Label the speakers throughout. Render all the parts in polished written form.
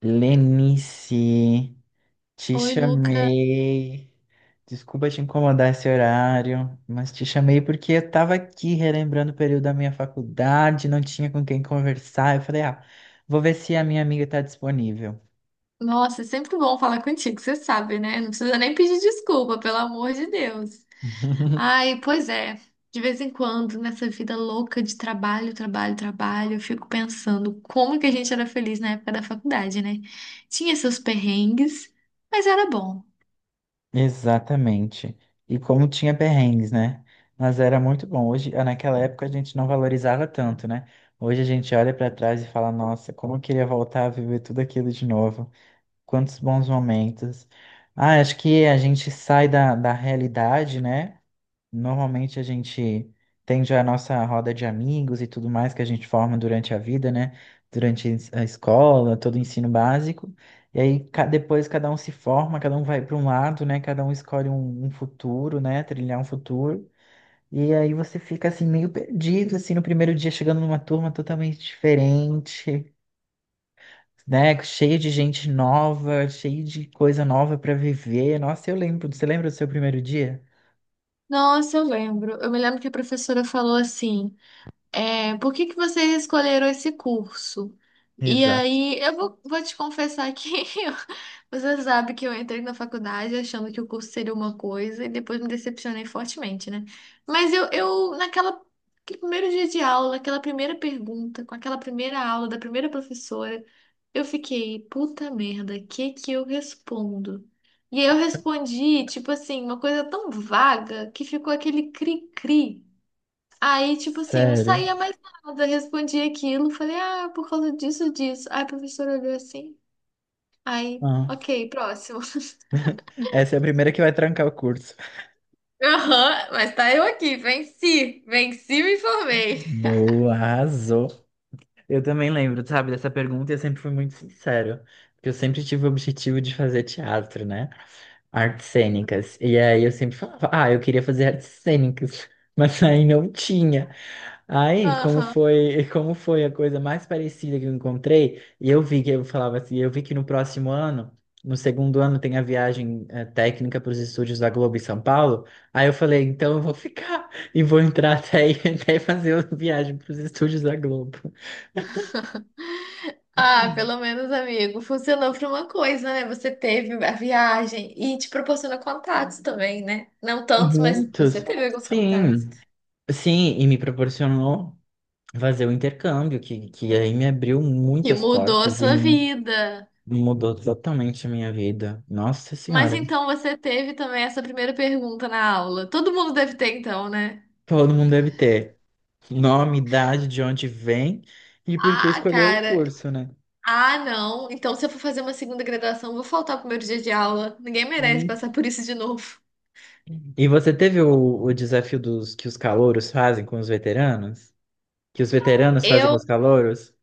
Speaker 1: Lenice, te
Speaker 2: Oi, Luca.
Speaker 1: chamei. Desculpa te incomodar esse horário, mas te chamei porque eu tava aqui relembrando o período da minha faculdade, não tinha com quem conversar. Eu falei, vou ver se a minha amiga tá disponível.
Speaker 2: Nossa, é sempre bom falar contigo, você sabe, né? Não precisa nem pedir desculpa, pelo amor de Deus. Ai, pois é. De vez em quando, nessa vida louca de trabalho, trabalho, trabalho, eu fico pensando como que a gente era feliz na época da faculdade, né? Tinha seus perrengues, mas era bom.
Speaker 1: Exatamente. E como tinha perrengues, né? Mas era muito bom. Hoje, naquela época, a gente não valorizava tanto, né? Hoje a gente olha pra trás e fala, nossa, como eu queria voltar a viver tudo aquilo de novo. Quantos bons momentos. Ah, acho que a gente sai da realidade, né? Normalmente a gente tem já a nossa roda de amigos e tudo mais que a gente forma durante a vida, né? Durante a escola, todo o ensino básico. E aí depois cada um se forma, cada um vai para um lado, né? Cada um escolhe um futuro, né? Trilhar um futuro. E aí você fica assim meio perdido, assim, no primeiro dia chegando numa turma totalmente diferente, né? Cheio de gente nova, cheio de coisa nova pra viver. Nossa, eu lembro. Você lembra do seu primeiro dia?
Speaker 2: Nossa, eu lembro. Eu me lembro que a professora falou assim. É, por que que vocês escolheram esse curso? E
Speaker 1: Exato.
Speaker 2: aí, eu vou te confessar que eu- você sabe que eu entrei na faculdade achando que o curso seria uma coisa e depois me decepcionei fortemente, né? Mas eu naquela, aquele primeiro dia de aula, aquela primeira pergunta, com aquela primeira aula da primeira professora, eu fiquei, puta merda, que eu respondo? E aí eu respondi, tipo assim, uma coisa tão vaga que ficou aquele cri-cri. Aí, tipo assim, não
Speaker 1: Sério.
Speaker 2: saía mais nada. Eu respondi aquilo, falei, ah, por causa disso, disso. Aí a professora olhou assim. Aí,
Speaker 1: Ah,
Speaker 2: ok, próximo.
Speaker 1: essa é a primeira que vai trancar o curso.
Speaker 2: Aham, mas tá eu aqui, venci, venci, e me formei.
Speaker 1: Boa, arrasou. Eu também lembro, sabe, dessa pergunta e eu sempre fui muito sincero. Porque eu sempre tive o objetivo de fazer teatro, né? Artes cênicas. E aí eu sempre falava, ah, eu queria fazer artes cênicas, mas aí não tinha. Aí, como
Speaker 2: Aham.
Speaker 1: foi, como foi a coisa mais parecida que eu encontrei, e eu vi que eu falava assim, eu vi que no próximo ano, no segundo ano, tem a viagem técnica para os estúdios da Globo em São Paulo. Aí eu falei, então eu vou ficar e vou entrar até, até fazer a viagem para os estúdios da Globo.
Speaker 2: Ah, pelo menos, amigo, funcionou pra uma coisa, né? Você teve a viagem e te proporciona contatos também, né? Não tantos, mas você
Speaker 1: Muitos?
Speaker 2: teve alguns contatos.
Speaker 1: Sim. Sim, e me proporcionou fazer o intercâmbio, que aí me abriu
Speaker 2: Que
Speaker 1: muitas
Speaker 2: mudou a
Speaker 1: portas e
Speaker 2: sua vida.
Speaker 1: mudou totalmente a minha vida. Nossa
Speaker 2: Mas
Speaker 1: Senhora,
Speaker 2: então você teve também essa primeira pergunta na aula. Todo mundo deve ter, então, né?
Speaker 1: todo mundo deve ter nome, idade, de onde vem e por que
Speaker 2: Ah,
Speaker 1: escolheu o
Speaker 2: cara.
Speaker 1: curso, né?
Speaker 2: Ah, não. Então, se eu for fazer uma segunda graduação, eu vou faltar pro meu dia de aula. Ninguém merece
Speaker 1: Hum.
Speaker 2: passar por isso de novo.
Speaker 1: E você teve o desafio dos que os calouros fazem com os veteranos? Que os veteranos fazem com
Speaker 2: Eu.
Speaker 1: os calouros?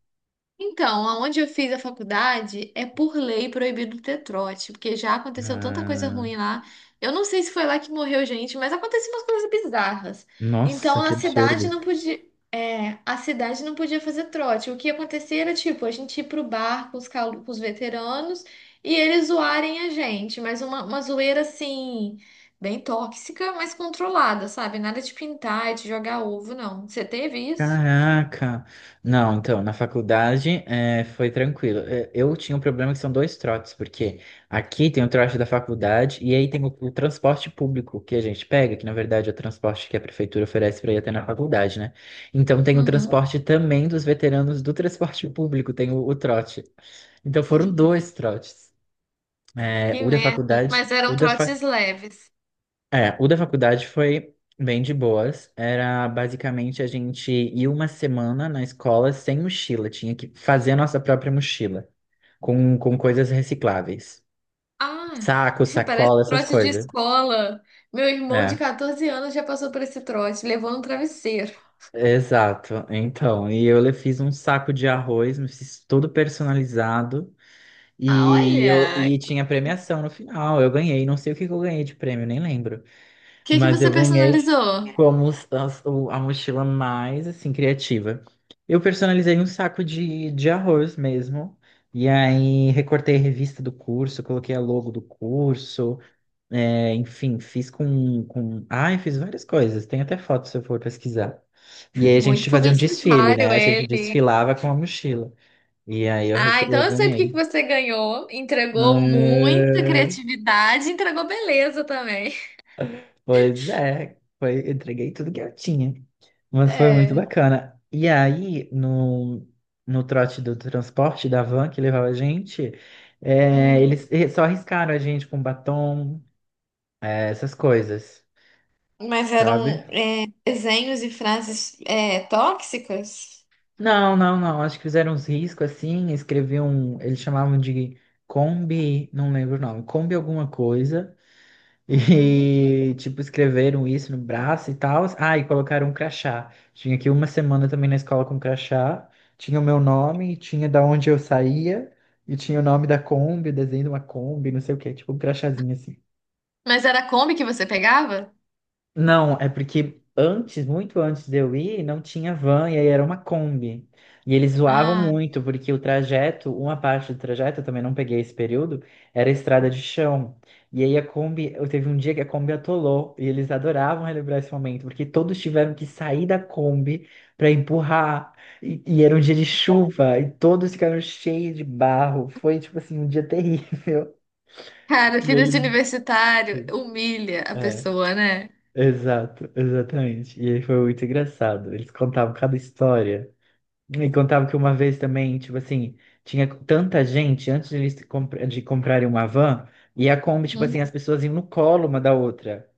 Speaker 2: Então, aonde eu fiz a faculdade é por lei proibido ter trote, porque já aconteceu tanta coisa
Speaker 1: Ah,
Speaker 2: ruim lá. Eu não sei se foi lá que morreu gente, mas aconteciam umas coisas bizarras. Então
Speaker 1: nossa, que
Speaker 2: a cidade
Speaker 1: absurdo.
Speaker 2: não podia, é, a cidade não podia fazer trote. O que acontecia era tipo a gente ir pro bar com os, calu- com os veteranos e eles zoarem a gente, mas uma zoeira assim bem tóxica, mas controlada, sabe? Nada de pintar e de jogar ovo, não. Você teve isso?
Speaker 1: Caraca! Não, então, na faculdade foi tranquilo. Eu tinha um problema que são dois trotes, porque aqui tem o trote da faculdade e aí tem o transporte público que a gente pega, que na verdade é o transporte que a prefeitura oferece para ir até na faculdade, né? Então tem o
Speaker 2: Uhum.
Speaker 1: transporte também dos veteranos do transporte público, tem o trote. Então foram dois trotes. Eh,
Speaker 2: Que
Speaker 1: o da
Speaker 2: merda.
Speaker 1: faculdade,
Speaker 2: Mas
Speaker 1: o
Speaker 2: eram
Speaker 1: da fa
Speaker 2: trotes leves.
Speaker 1: é, o da faculdade foi bem de boas. Era basicamente a gente ir uma semana na escola sem mochila, tinha que fazer a nossa própria mochila, com coisas recicláveis.
Speaker 2: Ah,
Speaker 1: Saco,
Speaker 2: parece
Speaker 1: sacola, essas
Speaker 2: trote de
Speaker 1: coisas.
Speaker 2: escola. Meu irmão de
Speaker 1: É,
Speaker 2: 14 anos já passou por esse trote, levou no travesseiro.
Speaker 1: exato. Então, e fiz um saco de arroz, me fiz tudo personalizado
Speaker 2: Ah,
Speaker 1: e eu
Speaker 2: olha.
Speaker 1: e
Speaker 2: O
Speaker 1: tinha premiação no final. Eu ganhei, não sei o que que eu ganhei de prêmio, nem lembro.
Speaker 2: que que
Speaker 1: Mas
Speaker 2: você
Speaker 1: eu ganhei
Speaker 2: personalizou?
Speaker 1: como s- as- o- a mochila mais, assim, criativa. Eu personalizei um saco de arroz mesmo. E aí recortei a revista do curso, coloquei a logo do curso. É, enfim, fiz com... Ai, fiz várias coisas. Tem até foto se eu for pesquisar. E aí a
Speaker 2: Muito
Speaker 1: gente fazia um desfile,
Speaker 2: publicitário
Speaker 1: né? A gente
Speaker 2: ele.
Speaker 1: desfilava com a mochila. E aí
Speaker 2: Ah,
Speaker 1: eu
Speaker 2: então eu sei porque que
Speaker 1: ganhei.
Speaker 2: você ganhou. Entregou muita
Speaker 1: Ah,
Speaker 2: criatividade, entregou beleza também.
Speaker 1: pois é, foi, eu entreguei tudo que eu tinha. Mas foi muito
Speaker 2: É.
Speaker 1: bacana. E aí, no trote do transporte da van que levava a gente, é,
Speaker 2: Hum.
Speaker 1: eles só arriscaram a gente com batom, essas coisas,
Speaker 2: Mas
Speaker 1: sabe?
Speaker 2: eram é, desenhos e frases é, tóxicas?
Speaker 1: Não, não, não. Acho que fizeram uns riscos assim, escreviam, eles chamavam de Kombi, não lembro o nome, Kombi alguma coisa.
Speaker 2: Uhum.
Speaker 1: E, tipo, escreveram isso no braço e tal. Ah, e colocaram um crachá. Tinha aqui uma semana também na escola com crachá. Tinha o meu nome, tinha da onde eu saía, e tinha o nome da Kombi, o desenho de uma Kombi, não sei o quê. Tipo, um crachazinho assim.
Speaker 2: Mas era a Kombi que você pegava?
Speaker 1: Não, é porque antes, muito antes de eu ir, não tinha van e aí era uma Kombi. E eles zoavam
Speaker 2: Ah,
Speaker 1: muito, porque o trajeto, uma parte do trajeto, eu também não peguei esse período, era estrada de chão. E aí a Kombi, eu teve um dia que a Kombi atolou, e eles adoravam relembrar esse momento, porque todos tiveram que sair da Kombi para empurrar. E era um dia de chuva, e todos ficaram cheios de barro. Foi tipo assim, um dia terrível.
Speaker 2: cara,
Speaker 1: E
Speaker 2: vida de
Speaker 1: eles.
Speaker 2: universitário humilha a
Speaker 1: É.
Speaker 2: pessoa, né?
Speaker 1: Exato, exatamente. E aí foi muito engraçado. Eles contavam cada história. E contavam que uma vez também, tipo assim, tinha tanta gente antes de de comprarem uma van, e a Kombi, tipo
Speaker 2: Uhum.
Speaker 1: assim, as pessoas iam no colo uma da outra.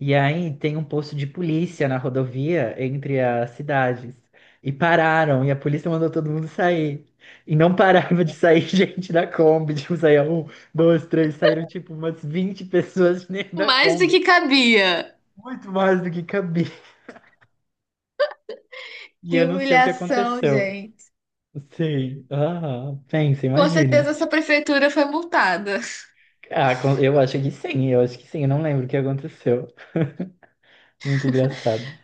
Speaker 1: E aí tem um posto de polícia na rodovia entre as cidades. E pararam, e a polícia mandou todo mundo sair. E não parava de sair gente da Kombi. Tipo, saía um, dois, três, saíram tipo umas 20 pessoas dentro da
Speaker 2: Mais do
Speaker 1: Kombi.
Speaker 2: que cabia.
Speaker 1: Muito mais do que cabia. E
Speaker 2: Que
Speaker 1: eu não sei o que
Speaker 2: humilhação,
Speaker 1: aconteceu.
Speaker 2: gente.
Speaker 1: Sim. Ah, pensa,
Speaker 2: Com
Speaker 1: imagina.
Speaker 2: certeza essa prefeitura foi multada.
Speaker 1: Ah, eu acho que sim, eu acho que sim, eu não lembro o que aconteceu. Muito engraçado.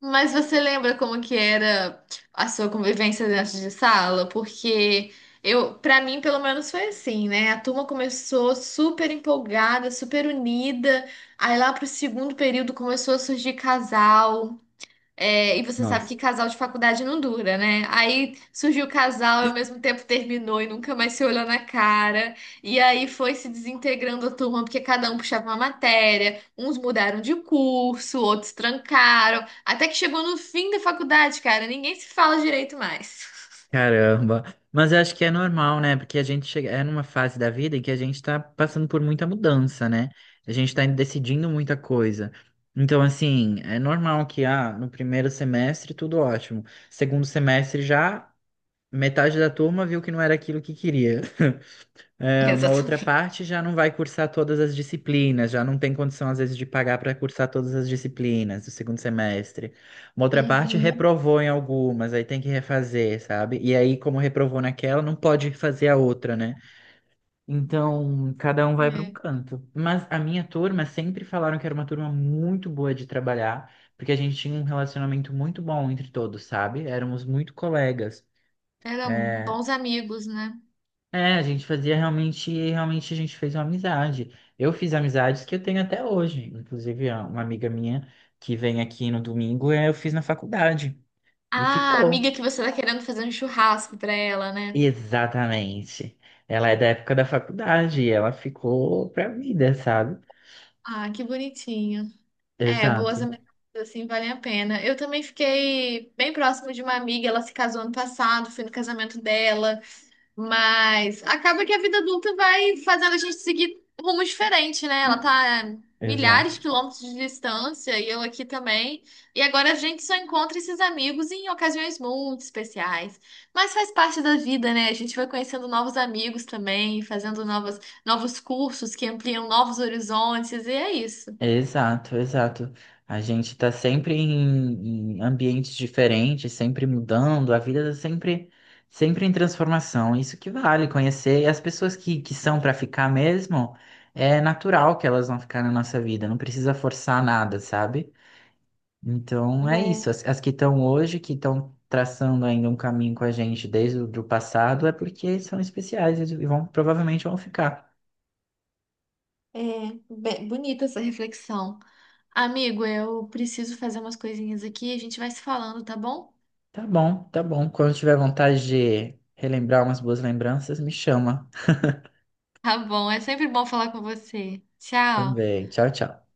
Speaker 2: Mas você lembra como que era a sua convivência dentro de sala? Porque eu, para mim, pelo menos foi assim, né? A turma começou super empolgada, super unida. Aí lá pro segundo período começou a surgir casal. É, e você sabe que
Speaker 1: Nossa.
Speaker 2: casal de faculdade não dura, né? Aí surgiu o casal e ao mesmo tempo terminou e nunca mais se olhou na cara. E aí foi se desintegrando a turma, porque cada um puxava uma matéria, uns mudaram de curso, outros trancaram. Até que chegou no fim da faculdade, cara, ninguém se fala direito mais.
Speaker 1: Caramba. Mas eu acho que é normal, né? Porque a gente chega é numa fase da vida em que a gente tá passando por muita mudança, né? A gente tá decidindo muita coisa. Então, assim, é normal que no primeiro semestre tudo ótimo. Segundo semestre já metade da turma viu que não era aquilo que queria. É, uma outra
Speaker 2: Exatamente.
Speaker 1: parte já não vai cursar todas as disciplinas, já não tem condição, às vezes, de pagar para cursar todas as disciplinas do segundo semestre. Uma outra parte
Speaker 2: Uhum.
Speaker 1: reprovou em algumas, aí tem que refazer, sabe? E aí, como reprovou naquela, não pode fazer a outra, né? Então, cada um vai para um
Speaker 2: É.
Speaker 1: canto. Mas a minha turma sempre falaram que era uma turma muito boa de trabalhar, porque a gente tinha um relacionamento muito bom entre todos, sabe? Éramos muito colegas.
Speaker 2: Eram
Speaker 1: É,
Speaker 2: bons amigos, né?
Speaker 1: a gente fazia realmente, realmente a gente fez uma amizade. Eu fiz amizades que eu tenho até hoje. Inclusive, ó, uma amiga minha que vem aqui no domingo, eu fiz na faculdade. E
Speaker 2: Ah, a amiga
Speaker 1: ficou.
Speaker 2: que você tá querendo fazer um churrasco pra ela, né?
Speaker 1: Exatamente. Ela é da época da faculdade e ela ficou pra vida, sabe?
Speaker 2: Ah, que bonitinho. É,
Speaker 1: Exato,
Speaker 2: boas amizades assim valem a pena. Eu também fiquei bem próxima de uma amiga, ela se casou ano passado, fui no casamento dela, mas acaba que a vida adulta vai fazendo a gente seguir rumo diferente, né? Ela tá a milhares
Speaker 1: exato.
Speaker 2: de quilômetros de distância e eu aqui também. E agora a gente só encontra esses amigos em ocasiões muito especiais. Mas faz parte da vida, né? A gente vai conhecendo novos amigos também, fazendo novos cursos que ampliam novos horizontes, e é isso.
Speaker 1: Exato, exato. A gente está sempre em ambientes diferentes, sempre mudando, a vida tá sempre, sempre em transformação. Isso que vale conhecer. E as pessoas que são para ficar mesmo, é natural que elas vão ficar na nossa vida, não precisa forçar nada, sabe? Então é isso. As que estão hoje, que estão traçando ainda um caminho com a gente desde o do passado, é porque são especiais e vão, provavelmente vão ficar.
Speaker 2: É, be- bonita essa reflexão. Amigo, eu preciso fazer umas coisinhas aqui, a gente vai se falando, tá bom?
Speaker 1: Tá bom, tá bom. Quando tiver vontade de relembrar umas boas lembranças, me chama
Speaker 2: Tá bom, é sempre bom falar com você. Tchau.
Speaker 1: também. Tchau, tchau.